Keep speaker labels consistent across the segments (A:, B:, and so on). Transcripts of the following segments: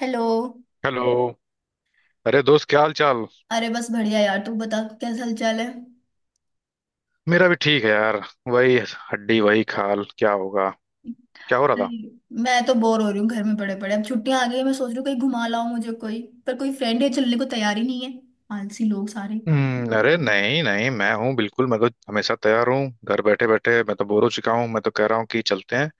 A: Hello.
B: Hello. अरे दोस्त, क्या हाल चाल?
A: अरे बस बढ़िया यार, तू बता कैसा हालचाल है?
B: मेरा भी ठीक है यार। वही हड्डी वही खाल, क्या होगा? क्या हो रहा था?
A: अरे, मैं तो बोर हो रही हूँ घर में पड़े पड़े। अब छुट्टियां आ गई हैं, मैं सोच रही हूँ कहीं घुमा लाऊं मुझे कोई। पर कोई फ्रेंड है चलने को तैयार ही नहीं है। आलसी लोग सारे।
B: हम्म। अरे नहीं नहीं, मैं हूँ बिल्कुल। मैं तो हमेशा तैयार हूँ। घर बैठे बैठे मैं तो बोर हो चुका हूँ। मैं तो कह रहा हूँ कि चलते हैं।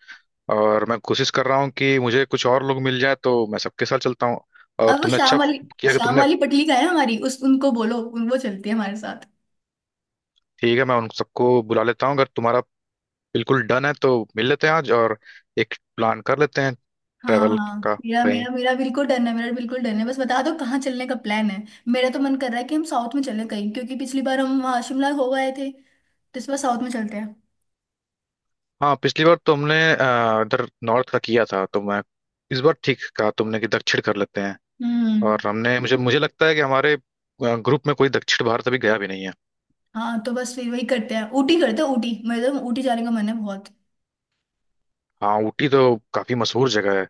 B: और मैं कोशिश कर रहा हूँ कि मुझे कुछ और लोग मिल जाए, तो मैं सबके साथ चलता हूँ। और
A: अब वो
B: तुमने अच्छा किया कि
A: शाम
B: तुमने।
A: वाली पटली का है हमारी, उस उनको बोलो, उन वो चलती है हमारे साथ।
B: ठीक है, मैं उन सबको बुला लेता हूँ। अगर तुम्हारा बिल्कुल डन है तो मिल लेते हैं आज और एक प्लान कर लेते हैं,
A: हाँ
B: ट्रेवल
A: हाँ,
B: का
A: मेरा
B: कहीं।
A: मेरा मेरा बिल्कुल डन है। मेरा बिल्कुल डन है, बस बता दो कहाँ चलने का प्लान है। मेरा तो मन कर रहा है कि हम साउथ में चले कहीं, क्योंकि पिछली बार हम वहाँ शिमला हो गए थे तो इस बार साउथ में चलते हैं।
B: हाँ, पिछली बार तुमने इधर नॉर्थ का किया था, तो मैं इस बार, ठीक कहा तुमने कि दक्षिण कर लेते हैं।
A: हम्म।
B: और हमने, मुझे मुझे लगता है कि हमारे ग्रुप में कोई दक्षिण भारत अभी गया भी नहीं है।
A: हाँ, तो बस फिर वही करते हैं, ऊटी करते हैं। ऊटी मेरे तो, ऊटी जाने का मन है बहुत।
B: हाँ, ऊटी तो काफी मशहूर जगह है।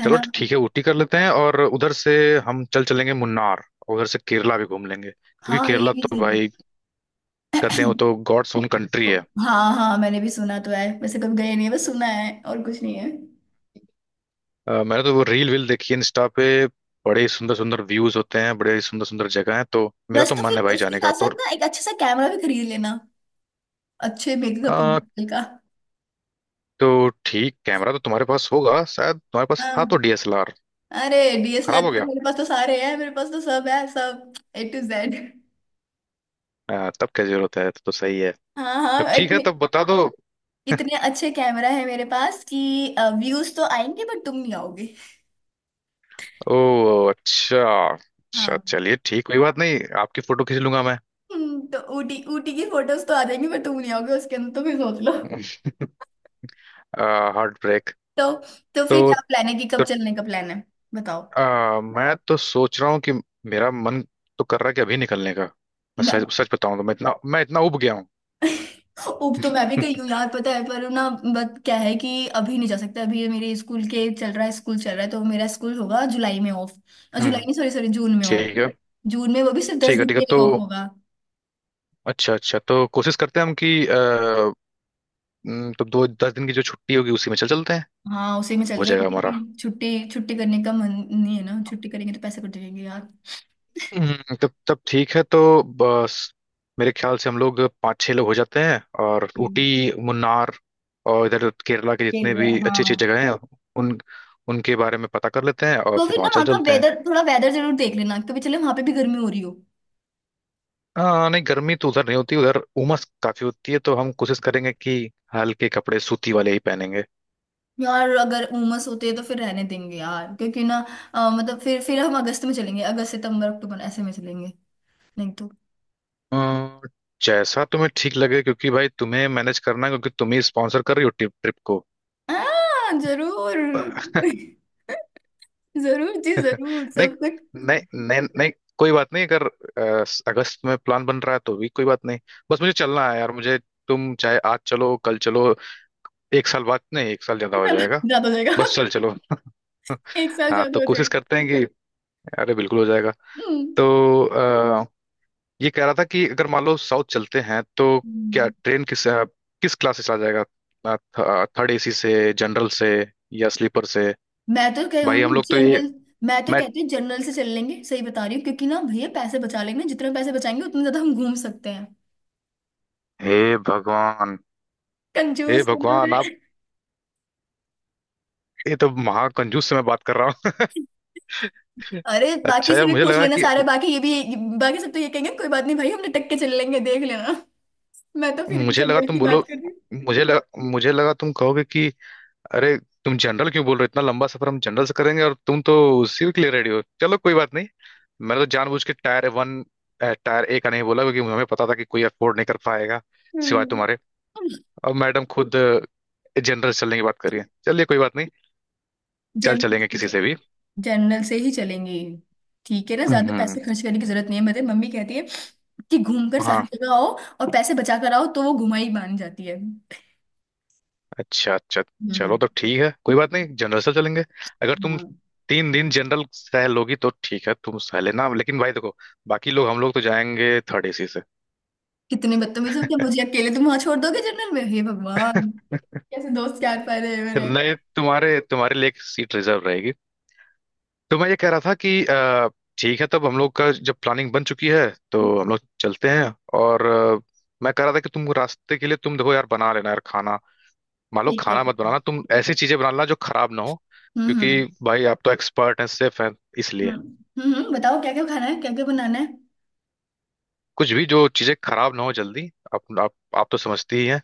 A: है
B: चलो
A: ना?
B: ठीक है, ऊटी कर लेते हैं, और उधर से हम चल चलेंगे मुन्नार, और उधर से केरला भी घूम लेंगे, क्योंकि
A: हाँ, ये
B: केरला
A: भी
B: तो
A: सही है।
B: भाई, कहते हैं वो तो गॉड्स ओन कंट्री है।
A: हाँ हाँ, मैंने भी सुना तो है, वैसे कभी गए नहीं है, बस सुना है और कुछ नहीं है।
B: मैंने तो वो रील वील देखी है इंस्टा पे। बड़े सुंदर सुंदर व्यूज होते हैं, बड़े सुंदर सुंदर जगह है, तो मेरा
A: बस
B: तो
A: तो
B: मन
A: फिर
B: है भाई
A: उसके
B: जाने का।
A: साथ साथ ना एक अच्छा सा कैमरा भी खरीद लेना, अच्छे मेकअप
B: तो
A: का।
B: तो ठीक, कैमरा तो तुम्हारे पास होगा शायद। तुम्हारे पास
A: हाँ,
B: था तो डीएसएलआर।
A: अरे
B: खराब
A: DSLR
B: हो गया?
A: मेरे पास तो सारे हैं, मेरे पास तो सब है, सब A to Z।
B: हाँ, तब क्या जरूरत है, तो सही है।
A: हाँ
B: तब
A: हाँ।
B: ठीक है,
A: इतने
B: तब बता दो।
A: इतने अच्छे कैमरा है मेरे पास कि व्यूज तो आएंगे, बट तुम नहीं आओगे।
B: ओ अच्छा। अच्छा
A: हाँ,
B: चलिए ठीक, कोई बात नहीं, आपकी फोटो खींच लूंगा मैं।
A: तो ऊटी ऊटी की फोटोज तो आ जाएंगी, पर तुम नहीं आओगे उसके अंदर। तो फिर सोच लो।
B: Heart break.
A: तो तो फिर
B: तो,
A: क्या प्लान है कि कब
B: तो
A: चलने का प्लान है? बताओ।
B: मैं तो सोच रहा हूँ कि मेरा मन तो कर रहा है कि अभी निकलने का। मैं
A: ना,
B: सच सच बताऊं तो मैं इतना उब गया हूँ।
A: उप तो मैं भी गई हूँ यार, पता है? पर ना, बट क्या है कि अभी नहीं जा सकता। अभी ये मेरे स्कूल के चल रहा है, स्कूल चल रहा है, तो मेरा स्कूल होगा जुलाई में ऑफ। जुलाई
B: हम्म।
A: नहीं, सॉरी सॉरी, जून में ऑफ।
B: ठीक है,
A: जून में, वो भी सिर्फ दस
B: ठीक है,
A: दिन
B: ठीक है
A: के
B: तो।
A: लिए ऑफ होगा।
B: अच्छा अच्छा, तो कोशिश करते हैं हम कि तो दो 10 दिन की जो छुट्टी होगी उसी में चल चलते हैं।
A: हाँ, उसी में
B: हो
A: चलते हैं
B: जाएगा हमारा।
A: क्योंकि छुट्टी छुट्टी करने का मन नहीं है ना। छुट्टी करेंगे तो पैसे कट जाएंगे यार।
B: तब तब ठीक है तो बस। मेरे ख्याल से हम लोग पाँच छह लोग हो जाते हैं, और ऊटी,
A: हम्म,
B: मुन्नार और इधर केरला के
A: फिर
B: जितने भी
A: हाँ।
B: अच्छी अच्छी जगह हैं उन उनके बारे में पता कर लेते हैं, और
A: तो फिर
B: फिर
A: ना,
B: वहाँ चल
A: वहां का
B: चलते हैं।
A: वेदर थोड़ा, वेदर जरूर देख लेना, कभी चले वहां पे भी गर्मी हो रही हो।
B: हाँ नहीं, गर्मी तो उधर नहीं होती। उधर उमस काफी होती है, तो हम कोशिश करेंगे कि हल्के कपड़े सूती वाले ही पहनेंगे।
A: यार अगर उमस होती है तो फिर रहने देंगे यार, क्योंकि ना मतलब फिर हम अगस्त में चलेंगे, अगस्त सितंबर अक्टूबर ऐसे में चलेंगे, नहीं तो।
B: अ, जैसा तुम्हें ठीक लगे, क्योंकि भाई तुम्हें मैनेज करना है, क्योंकि तुम ही स्पॉन्सर कर रही हो ट्रिप ट्रिप को।
A: जरूर। जरूर जी, जरूर
B: नहीं
A: सब कुछ।
B: नहीं नहीं नहीं, कोई बात नहीं, अगर अगस्त में प्लान बन रहा है तो भी कोई बात नहीं। बस मुझे चलना है यार, मुझे। तुम चाहे आज चलो, कल चलो, एक साल बाद नहीं, एक साल ज्यादा हो जाएगा।
A: ज्यादा हो जाएगा।
B: बस चल चलो।
A: एक साल
B: हाँ,
A: ज्यादा
B: तो
A: हो
B: कोशिश
A: जाएगा।
B: करते हैं कि अरे बिल्कुल हो जाएगा।
A: हम्म।
B: तो अ, ये कह रहा था कि अगर मान लो साउथ चलते हैं, तो क्या
A: हम्म।
B: ट्रेन, किस किस क्लास से चला जाएगा? थर्ड एसी से, जनरल से या स्लीपर से?
A: मैं तो कह रही हूँ
B: भाई हम
A: ना,
B: लोग तो ये,
A: जनरल। मैं तो
B: मैं,
A: कहती हूँ जनरल से चल लेंगे, सही बता रही हूँ क्योंकि ना भैया पैसे बचा लेंगे। जितने पैसे बचाएंगे उतने ज्यादा हम घूम सकते हैं।
B: हे भगवान। हे
A: कंजूस हूँ ना
B: भगवान
A: मैं।
B: आप! ये तो महाकंजूस से मैं बात कर रहा हूँ।
A: अरे बाकी
B: अच्छा
A: से
B: यार,
A: भी पूछ लेना, सारे बाकी, ये भी बाकी सब, तो ये कहेंगे कोई बात नहीं भाई, हम लटक के चल लेंगे, देख लेना। मैं तो फिर भी
B: मुझे लगा
A: जनरल
B: तुम
A: की बात
B: बोलो,
A: कर रही
B: मुझे लगा तुम कहोगे कि अरे, तुम जनरल क्यों बोल रहे हो, इतना लंबा सफर हम जनरल से करेंगे? और तुम तो उसी के लिए रेडी हो, चलो कोई बात नहीं। मैंने तो जानबूझ के टायर वन, टायर ए का नहीं बोला, क्योंकि हमें पता था कि कोई अफोर्ड नहीं कर पाएगा सिवाय
A: हूँ,
B: तुम्हारे। और मैडम खुद जनरल चलने की बात कर रही है, चलिए कोई बात नहीं, चल चलेंगे
A: जनरल।
B: किसी से भी।
A: जनरल से ही चलेंगे। ठीक है ना, ज्यादा
B: हम्म,
A: पैसे खर्च करने की जरूरत नहीं है। मेरे मम्मी कहती है कि घूम कर सारी
B: हाँ।
A: जगह आओ और पैसे बचा कर आओ, तो वो घुमाई मान जाती है।
B: अच्छा अच्छा, चलो
A: हम्म।
B: तो ठीक है, कोई बात नहीं, जनरल से चलेंगे। अगर तुम
A: हाँ।
B: 3 दिन जनरल सह लोगी तो ठीक है, तुम सह लेना, लेकिन भाई देखो, बाकी लोग, हम लोग तो जाएंगे थर्ड एसी से।
A: कितने बदतमीज हो? क्या मुझे अकेले तुम वहां छोड़ दोगे जनरल में? हे भगवान, कैसे दोस्त क्या पा रहे हैं मेरे।
B: नहीं, तुम्हारे तुम्हारे लिए एक सीट रिजर्व रहेगी। तो मैं ये कह रहा था कि ठीक है तब, हम लोग का जब प्लानिंग बन चुकी है तो हम लोग चलते हैं। और मैं कह रहा था कि तुम रास्ते के लिए तुम देखो यार, बना लेना यार खाना। मान लो,
A: ठीक है
B: खाना मत
A: ठीक है।
B: बनाना तुम, ऐसी चीजें बना लेना जो खराब ना हो, क्योंकि
A: हम्म।
B: भाई आप तो एक्सपर्ट हैं, सेफ हैं, इसलिए
A: हम्म। बताओ क्या क्या खाना है, क्या क्या बनाना है।
B: कुछ भी, जो चीजें खराब ना हो जल्दी। आप तो समझती ही हैं।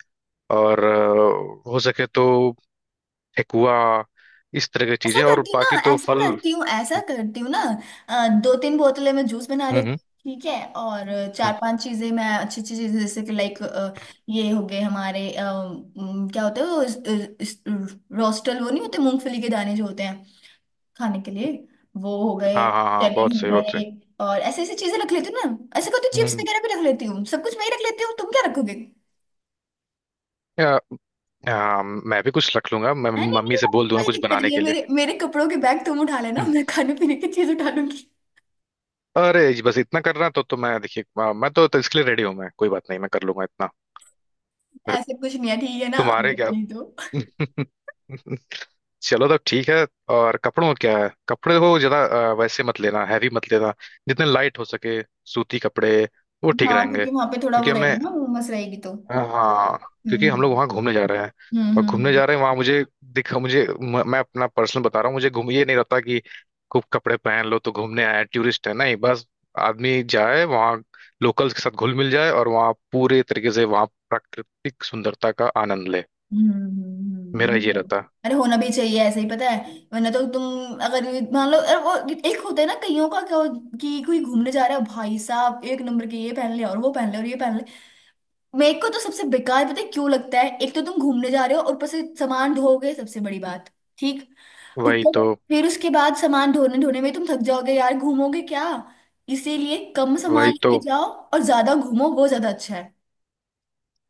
B: और हो सके तो ठेकुआ, इस तरह की
A: ऐसा
B: चीजें, और
A: करती हूँ
B: बाकी
A: ना,
B: तो
A: ऐसा
B: फल। हम्म।
A: करती हूँ, ऐसा करती हूँ ना, दो तीन बोतलें में जूस बना लेती
B: हम्म
A: हूँ, ठीक है? और चार
B: हम्म,
A: पांच चीजें, मैं अच्छी अच्छी चीजें जैसे कि लाइक, ये हो गए हमारे क्या होते हैं वो, इस- रोस्टल, वो नहीं होते मूंगफली के दाने जो होते हैं खाने के लिए? वो हो गए,
B: हाँ हाँ हाँ,
A: चने
B: बहुत
A: हो
B: सही बहुत सही।
A: गए। और ऐसी ऐसी चीजें रख लेती हूँ ना। ऐसा करती हूँ, चिप्स
B: हम्म।
A: वगैरह भी रख लेती हूँ। सब कुछ मैं ही रख लेती हूँ, तुम क्या रखोगे?
B: या, हाँ, मैं भी कुछ रख लूंगा, मैं
A: नहीं नहीं
B: मम्मी से
A: यार,
B: बोल दूंगा
A: कोई
B: कुछ
A: दिक्कत
B: बनाने
A: नहीं है।
B: के लिए।
A: मेरे मेरे कपड़ों के बैग तुम उठा लेना,
B: हम्म।
A: मैं खाने पीने की चीज उठा लूंगी।
B: अरे जी, बस इतना करना तो मैं देखिए, मैं तो इसके लिए रेडी हूँ मैं, कोई बात नहीं, मैं कर लूंगा इतना,
A: ऐसे कुछ नहीं है, ठीक है ना?
B: तुम्हारे क्या?
A: नहीं तो।
B: चलो तब ठीक है। और कपड़ों में क्या है, कपड़े को ज्यादा वैसे मत लेना, हैवी मत लेना, जितने लाइट हो सके, सूती कपड़े, वो ठीक
A: हाँ
B: रहेंगे
A: क्योंकि वहां पे थोड़ा
B: क्योंकि
A: वो रहेगा
B: हमें।
A: ना, उमस रहेगी तो।
B: हाँ। क्योंकि
A: हम्म
B: हम लोग वहाँ घूमने जा रहे हैं। और
A: हम्म।
B: घूमने जा रहे हैं वहाँ, मुझे दिखा, मैं अपना पर्सनल बता रहा हूँ, मुझे घूम ये नहीं रहता कि खूब कपड़े पहन लो, तो घूमने आए टूरिस्ट है नहीं, बस आदमी जाए वहाँ, लोकल्स के साथ घुल मिल जाए और वहाँ पूरे तरीके से वहाँ प्राकृतिक सुंदरता का आनंद ले।
A: हम्म।
B: मेरा ये रहता।
A: अरे होना भी चाहिए, ऐसे ही पता है। वरना तो तुम, अगर मान लो अरे वो एक होता है ना कईयों का कि कोई घूमने जा रहा है, भाई साहब एक नंबर के, ये पहन ले और वो पहन ले और ये पहन ले। मेरे को तो सबसे बेकार पता है, क्यों लगता है? एक तो तुम घूमने जा रहे हो और ऊपर से सामान ढोगे, सबसे बड़ी बात। ठीक,
B: वही तो
A: ऊपर फिर उसके बाद सामान ढोने ढोने में तुम थक जाओगे यार, घूमोगे क्या? इसीलिए कम सामान
B: वही तो
A: लेके जाओ, और ज्यादा घूमो, वो ज्यादा अच्छा है।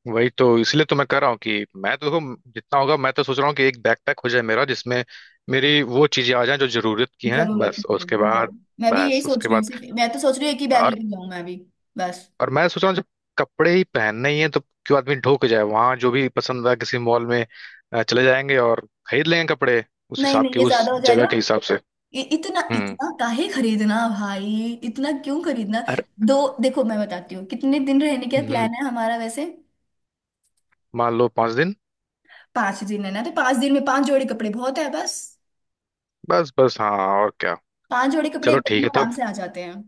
B: वही तो इसलिए तो मैं कह रहा हूँ कि मैं तो देखो, जितना होगा मैं तो सोच रहा हूँ कि एक बैकपैक हो जाए मेरा, जिसमें मेरी वो चीजें आ जाएं जो जरूरत की हैं
A: जरूरत
B: बस। और
A: नहीं है,
B: उसके
A: हाँ।
B: बाद,
A: मैं भी यही
B: बस
A: सोच
B: उसके
A: रही हूँ,
B: बाद,
A: सिर्फ। मैं तो सोच रही हूँ एक ही बैग
B: और
A: लेके जाऊँ मैं भी, बस।
B: और मैं सोच रहा हूँ, जब कपड़े ही पहनने ही हैं तो क्यों आदमी ढो के जाए, वहां जो भी पसंद आए किसी मॉल में चले जाएंगे और खरीद लेंगे कपड़े, उस
A: नहीं
B: हिसाब
A: नहीं,
B: के,
A: ये
B: उस
A: ज्यादा हो
B: जगह
A: जाएगा।
B: के हिसाब से।
A: ये इतना
B: हम्म।
A: इतना काहे खरीदना भाई, इतना क्यों खरीदना?
B: अरे
A: दो, देखो मैं बताती हूँ, कितने दिन रहने का
B: हम्म,
A: प्लान है हमारा वैसे?
B: मान लो 5 दिन।
A: 5 दिन है ना, तो 5 दिन में 5 जोड़ी कपड़े बहुत है, बस।
B: बस बस, हाँ, और क्या।
A: 5 जोड़े कपड़े
B: चलो
A: एक दिन
B: ठीक
A: में
B: है
A: आराम
B: तब।
A: से आ जाते हैं।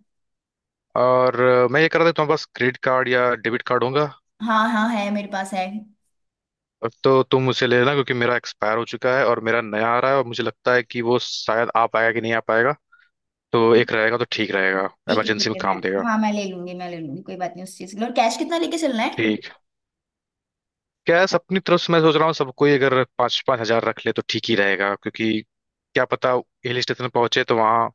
B: और मैं ये कह रहा था, तुम्हारे पास क्रेडिट कार्ड या डेबिट कार्ड होगा,
A: हाँ हाँ, है मेरे पास है।
B: और तो तुम उसे ले लेना, क्योंकि मेरा एक्सपायर हो चुका है और मेरा नया आ रहा है, और मुझे लगता है कि वो शायद आ पाएगा कि नहीं आ पाएगा, तो
A: ठीक,
B: एक रहेगा तो ठीक रहेगा, इमरजेंसी
A: ठीक
B: में
A: है मैं।
B: काम देगा।
A: हाँ मैं ले लूंगी, मैं ले लूंगी, कोई बात नहीं उस चीज के लिए। और कैश कितना लेके चलना है,
B: ठीक। क्या है, अपनी तरफ से मैं सोच रहा हूँ, सबको ही अगर पाँच पाँच हजार रख ले तो ठीक ही रहेगा, क्योंकि क्या पता, हिल स्टेशन पहुंचे तो वहाँ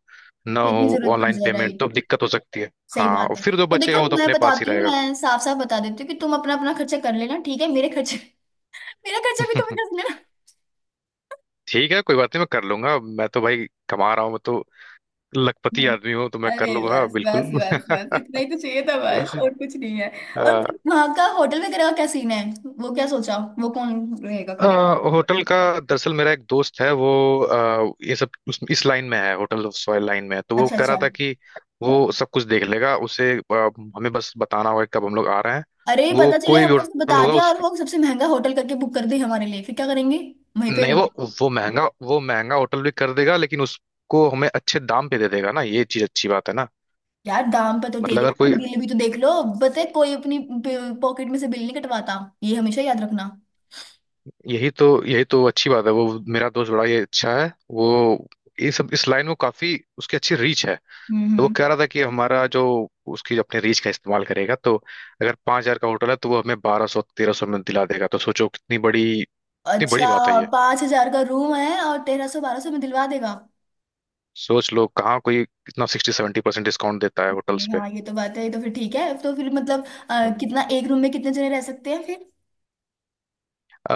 B: ना
A: कितनी
B: हो
A: जरूरत पड़
B: ऑनलाइन
A: जाए?
B: पेमेंट,
A: राइट,
B: तो दिक्कत हो सकती है।
A: सही
B: हाँ, और
A: बात है।
B: फिर जो
A: तो
B: बचेगा
A: देखो
B: वो तो
A: मैं
B: अपने पास ही
A: बताती हूँ,
B: रहेगा।
A: मैं साफ साफ बता देती हूँ कि तुम अपना अपना खर्चा कर लेना, ठीक है? मेरे खर्चे मेरा खर्चा भी तुम्हें कर लेना।
B: ठीक है, कोई बात नहीं, मैं कर लूंगा। मैं तो भाई कमा रहा हूँ, मैं तो लखपति आदमी हूँ, तो मैं कर
A: अरे
B: लूंगा
A: बस
B: बिल्कुल।
A: बस बस बस, इतना ही तो चाहिए था, बस और कुछ नहीं है। और
B: आ,
A: फिर वहाँ का होटल वगैरह का क्या सीन है? वो क्या सोचा, वो कौन रहेगा,
B: अ,
A: करेगा?
B: होटल का, दरअसल मेरा एक दोस्त है, वो ये सब इस लाइन में है, होटल ऑफ सॉयल लाइन में है। तो वो
A: अच्छा
B: कह
A: अच्छा।
B: रहा था कि वो सब कुछ देख लेगा, हमें बस बताना होगा कि कब हम लोग आ रहे हैं।
A: अरे
B: वो
A: पता चले
B: कोई भी
A: हमने उसको
B: होटल
A: बता
B: होगा,
A: दिया
B: उस
A: और वो सबसे महंगा होटल करके बुक कर दे हमारे लिए, फिर क्या करेंगे? वहीं पे
B: नहीं, वो महंगा होटल भी कर देगा, लेकिन उसको हमें अच्छे दाम पे दे देगा ना, ये चीज अच्छी बात है ना।
A: यार, दाम पे तो दे
B: मतलब अगर
A: देगा पर
B: कोई,
A: बिल भी तो देख लो। पता है, कोई अपनी पॉकेट में से बिल नहीं कटवाता, ये हमेशा याद रखना।
B: यही तो, यही तो अच्छी बात है, वो मेरा दोस्त बड़ा ये अच्छा है, वो ये सब इस लाइन में काफी, उसकी अच्छी रीच है। तो वो
A: हम्म।
B: कह रहा था कि हमारा जो, उसकी अपने रीच का इस्तेमाल करेगा, तो अगर 5,000 का होटल है तो वो हमें 1,200 1,300 में दिला देगा। तो सोचो कितनी बड़ी, कितनी बड़ी
A: अच्छा,
B: बात है ये।
A: 5,000 का रूम है और 1,300 1,200 में दिलवा देगा?
B: सोच लो, कहाँ कोई इतना 60-70% डिस्काउंट देता है
A: नहीं
B: होटल्स
A: नहीं,
B: पे।
A: हाँ ये तो बात है। ये तो फिर ठीक है। तो फिर मतलब
B: हम्म,
A: कितना, एक रूम में कितने जने रह सकते हैं फिर?
B: अ,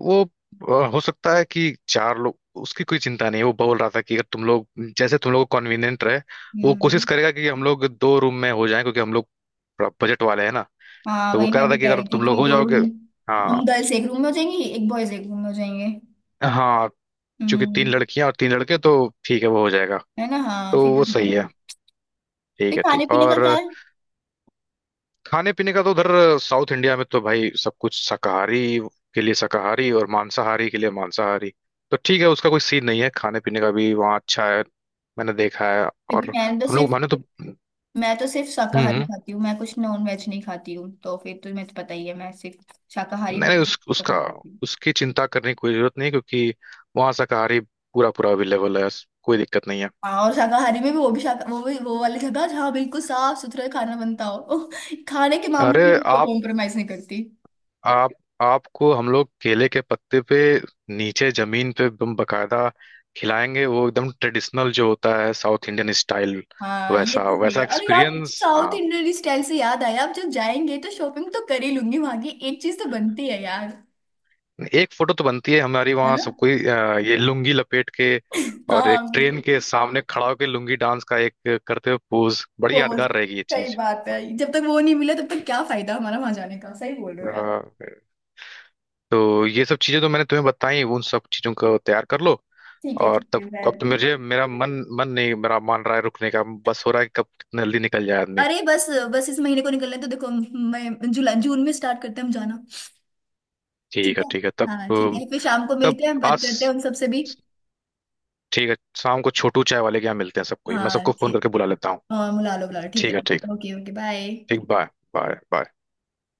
B: वो हो सकता है कि चार लोग, उसकी कोई चिंता नहीं है। वो बोल रहा था कि अगर तुम लोग, जैसे तुम लोग को कन्वीनियंट रहे, वो कोशिश
A: हम्म।
B: करेगा कि हम लोग दो रूम में हो जाएं, क्योंकि हम लोग बजट वाले हैं ना।
A: हाँ,
B: तो वो
A: वही
B: कह
A: मैं
B: रहा था
A: भी
B: कि
A: कह
B: अगर
A: रही थी
B: तुम लोग
A: कि
B: हो
A: दो
B: जाओगे,
A: रूम। हम
B: हाँ,
A: गर्ल्स एक रूम में हो जाएंगी, एक बॉयज एक रूम में हो जाएंगे।
B: हाँ चूंकि तीन
A: हम्म,
B: लड़कियां और तीन लड़के, तो ठीक है, वो हो जाएगा।
A: है ना? हाँ
B: तो
A: फिर तो
B: वो
A: ठीक
B: सही
A: है।
B: है। ठीक
A: फिर
B: है,
A: खाने
B: ठीक।
A: पीने का
B: और
A: क्या है?
B: खाने पीने का तो उधर साउथ इंडिया में तो भाई, सब कुछ, शाकाहारी के लिए शाकाहारी और मांसाहारी के लिए मांसाहारी। तो ठीक है, उसका कोई सीन नहीं है, खाने पीने का भी वहाँ अच्छा है, मैंने देखा है।
A: क्योंकि
B: और हम लोग माने तो। हम्म।
A: मैं तो सिर्फ शाकाहारी
B: हम्म।
A: खाती हूँ, मैं कुछ नॉन वेज नहीं खाती हूँ, तो फिर तुम्हें तो पता ही है मैं सिर्फ शाकाहारी
B: नहीं नहीं,
A: भोजन
B: उस, उसका
A: पसंद करती हूँ।
B: उसकी चिंता करने की कोई जरूरत नहीं है, क्योंकि वहाँ शाकाहारी पूरा पूरा अवेलेबल है, कोई दिक्कत नहीं है।
A: हाँ, और शाकाहारी में भी, वो भी शाका वो भी वो वाली जगह जहाँ बिल्कुल साफ सुथरा खाना बनता हो। खाने के मामले
B: अरे,
A: में मैं कॉम्प्रोमाइज नहीं करती।
B: आप आपको हम लोग केले के पत्ते पे, नीचे जमीन पे, एकदम बकायदा खिलाएंगे, वो एकदम ट्रेडिशनल जो होता है साउथ इंडियन स्टाइल।
A: हाँ ये
B: वैसा
A: तो सही
B: वैसा
A: है। अरे यार,
B: एक्सपीरियंस,
A: साउथ
B: हाँ।
A: इंडियन स्टाइल से याद आया, अब जब जाएंगे तो शॉपिंग तो कर ही लूंगी, वहां की एक चीज तो बनती है यार।
B: एक फोटो तो बनती है हमारी,
A: है
B: वहाँ
A: ना?
B: सब कोई ये लुंगी लपेट के, और एक
A: हाँ।
B: ट्रेन के सामने खड़ा होकर लुंगी डांस का एक करते हुए पोज, बड़ी
A: तो
B: यादगार रहेगी ये
A: सही
B: चीज।
A: बात है, जब तक वो नहीं मिला तब तक क्या फायदा हमारा वहां जाने का? सही बोल रहे हो यार।
B: हाँ, तो ये सब चीजें तो मैंने तुम्हें बताई, उन सब चीजों को तैयार कर लो। और
A: ठीक
B: तब
A: है मैं,
B: अब तो मुझे मेरा मन, मन नहीं, मेरा मान रहा है रुकने का, बस हो रहा है कि कब कितना जल्दी निकल जाए आदमी।
A: अरे बस बस, इस महीने को निकलने तो देखो, मैं जुलाई जून में स्टार्ट करते हैं हम जाना। ठीक
B: ठीक है,
A: है।
B: ठीक है तब।
A: हाँ ठीक है, फिर शाम को
B: तब
A: मिलते हैं, बात
B: आज
A: करते हैं उन सबसे भी।
B: ठीक है, शाम को छोटू चाय वाले के यहाँ मिलते हैं,
A: हाँ
B: सबको फोन
A: ठीक
B: करके
A: है,
B: बुला लेता हूँ।
A: हाँ बुला लो बुला लो, ठीक है
B: ठीक है, ठीक,
A: ओके ओके बाय।
B: ठीक। Bye, bye, bye.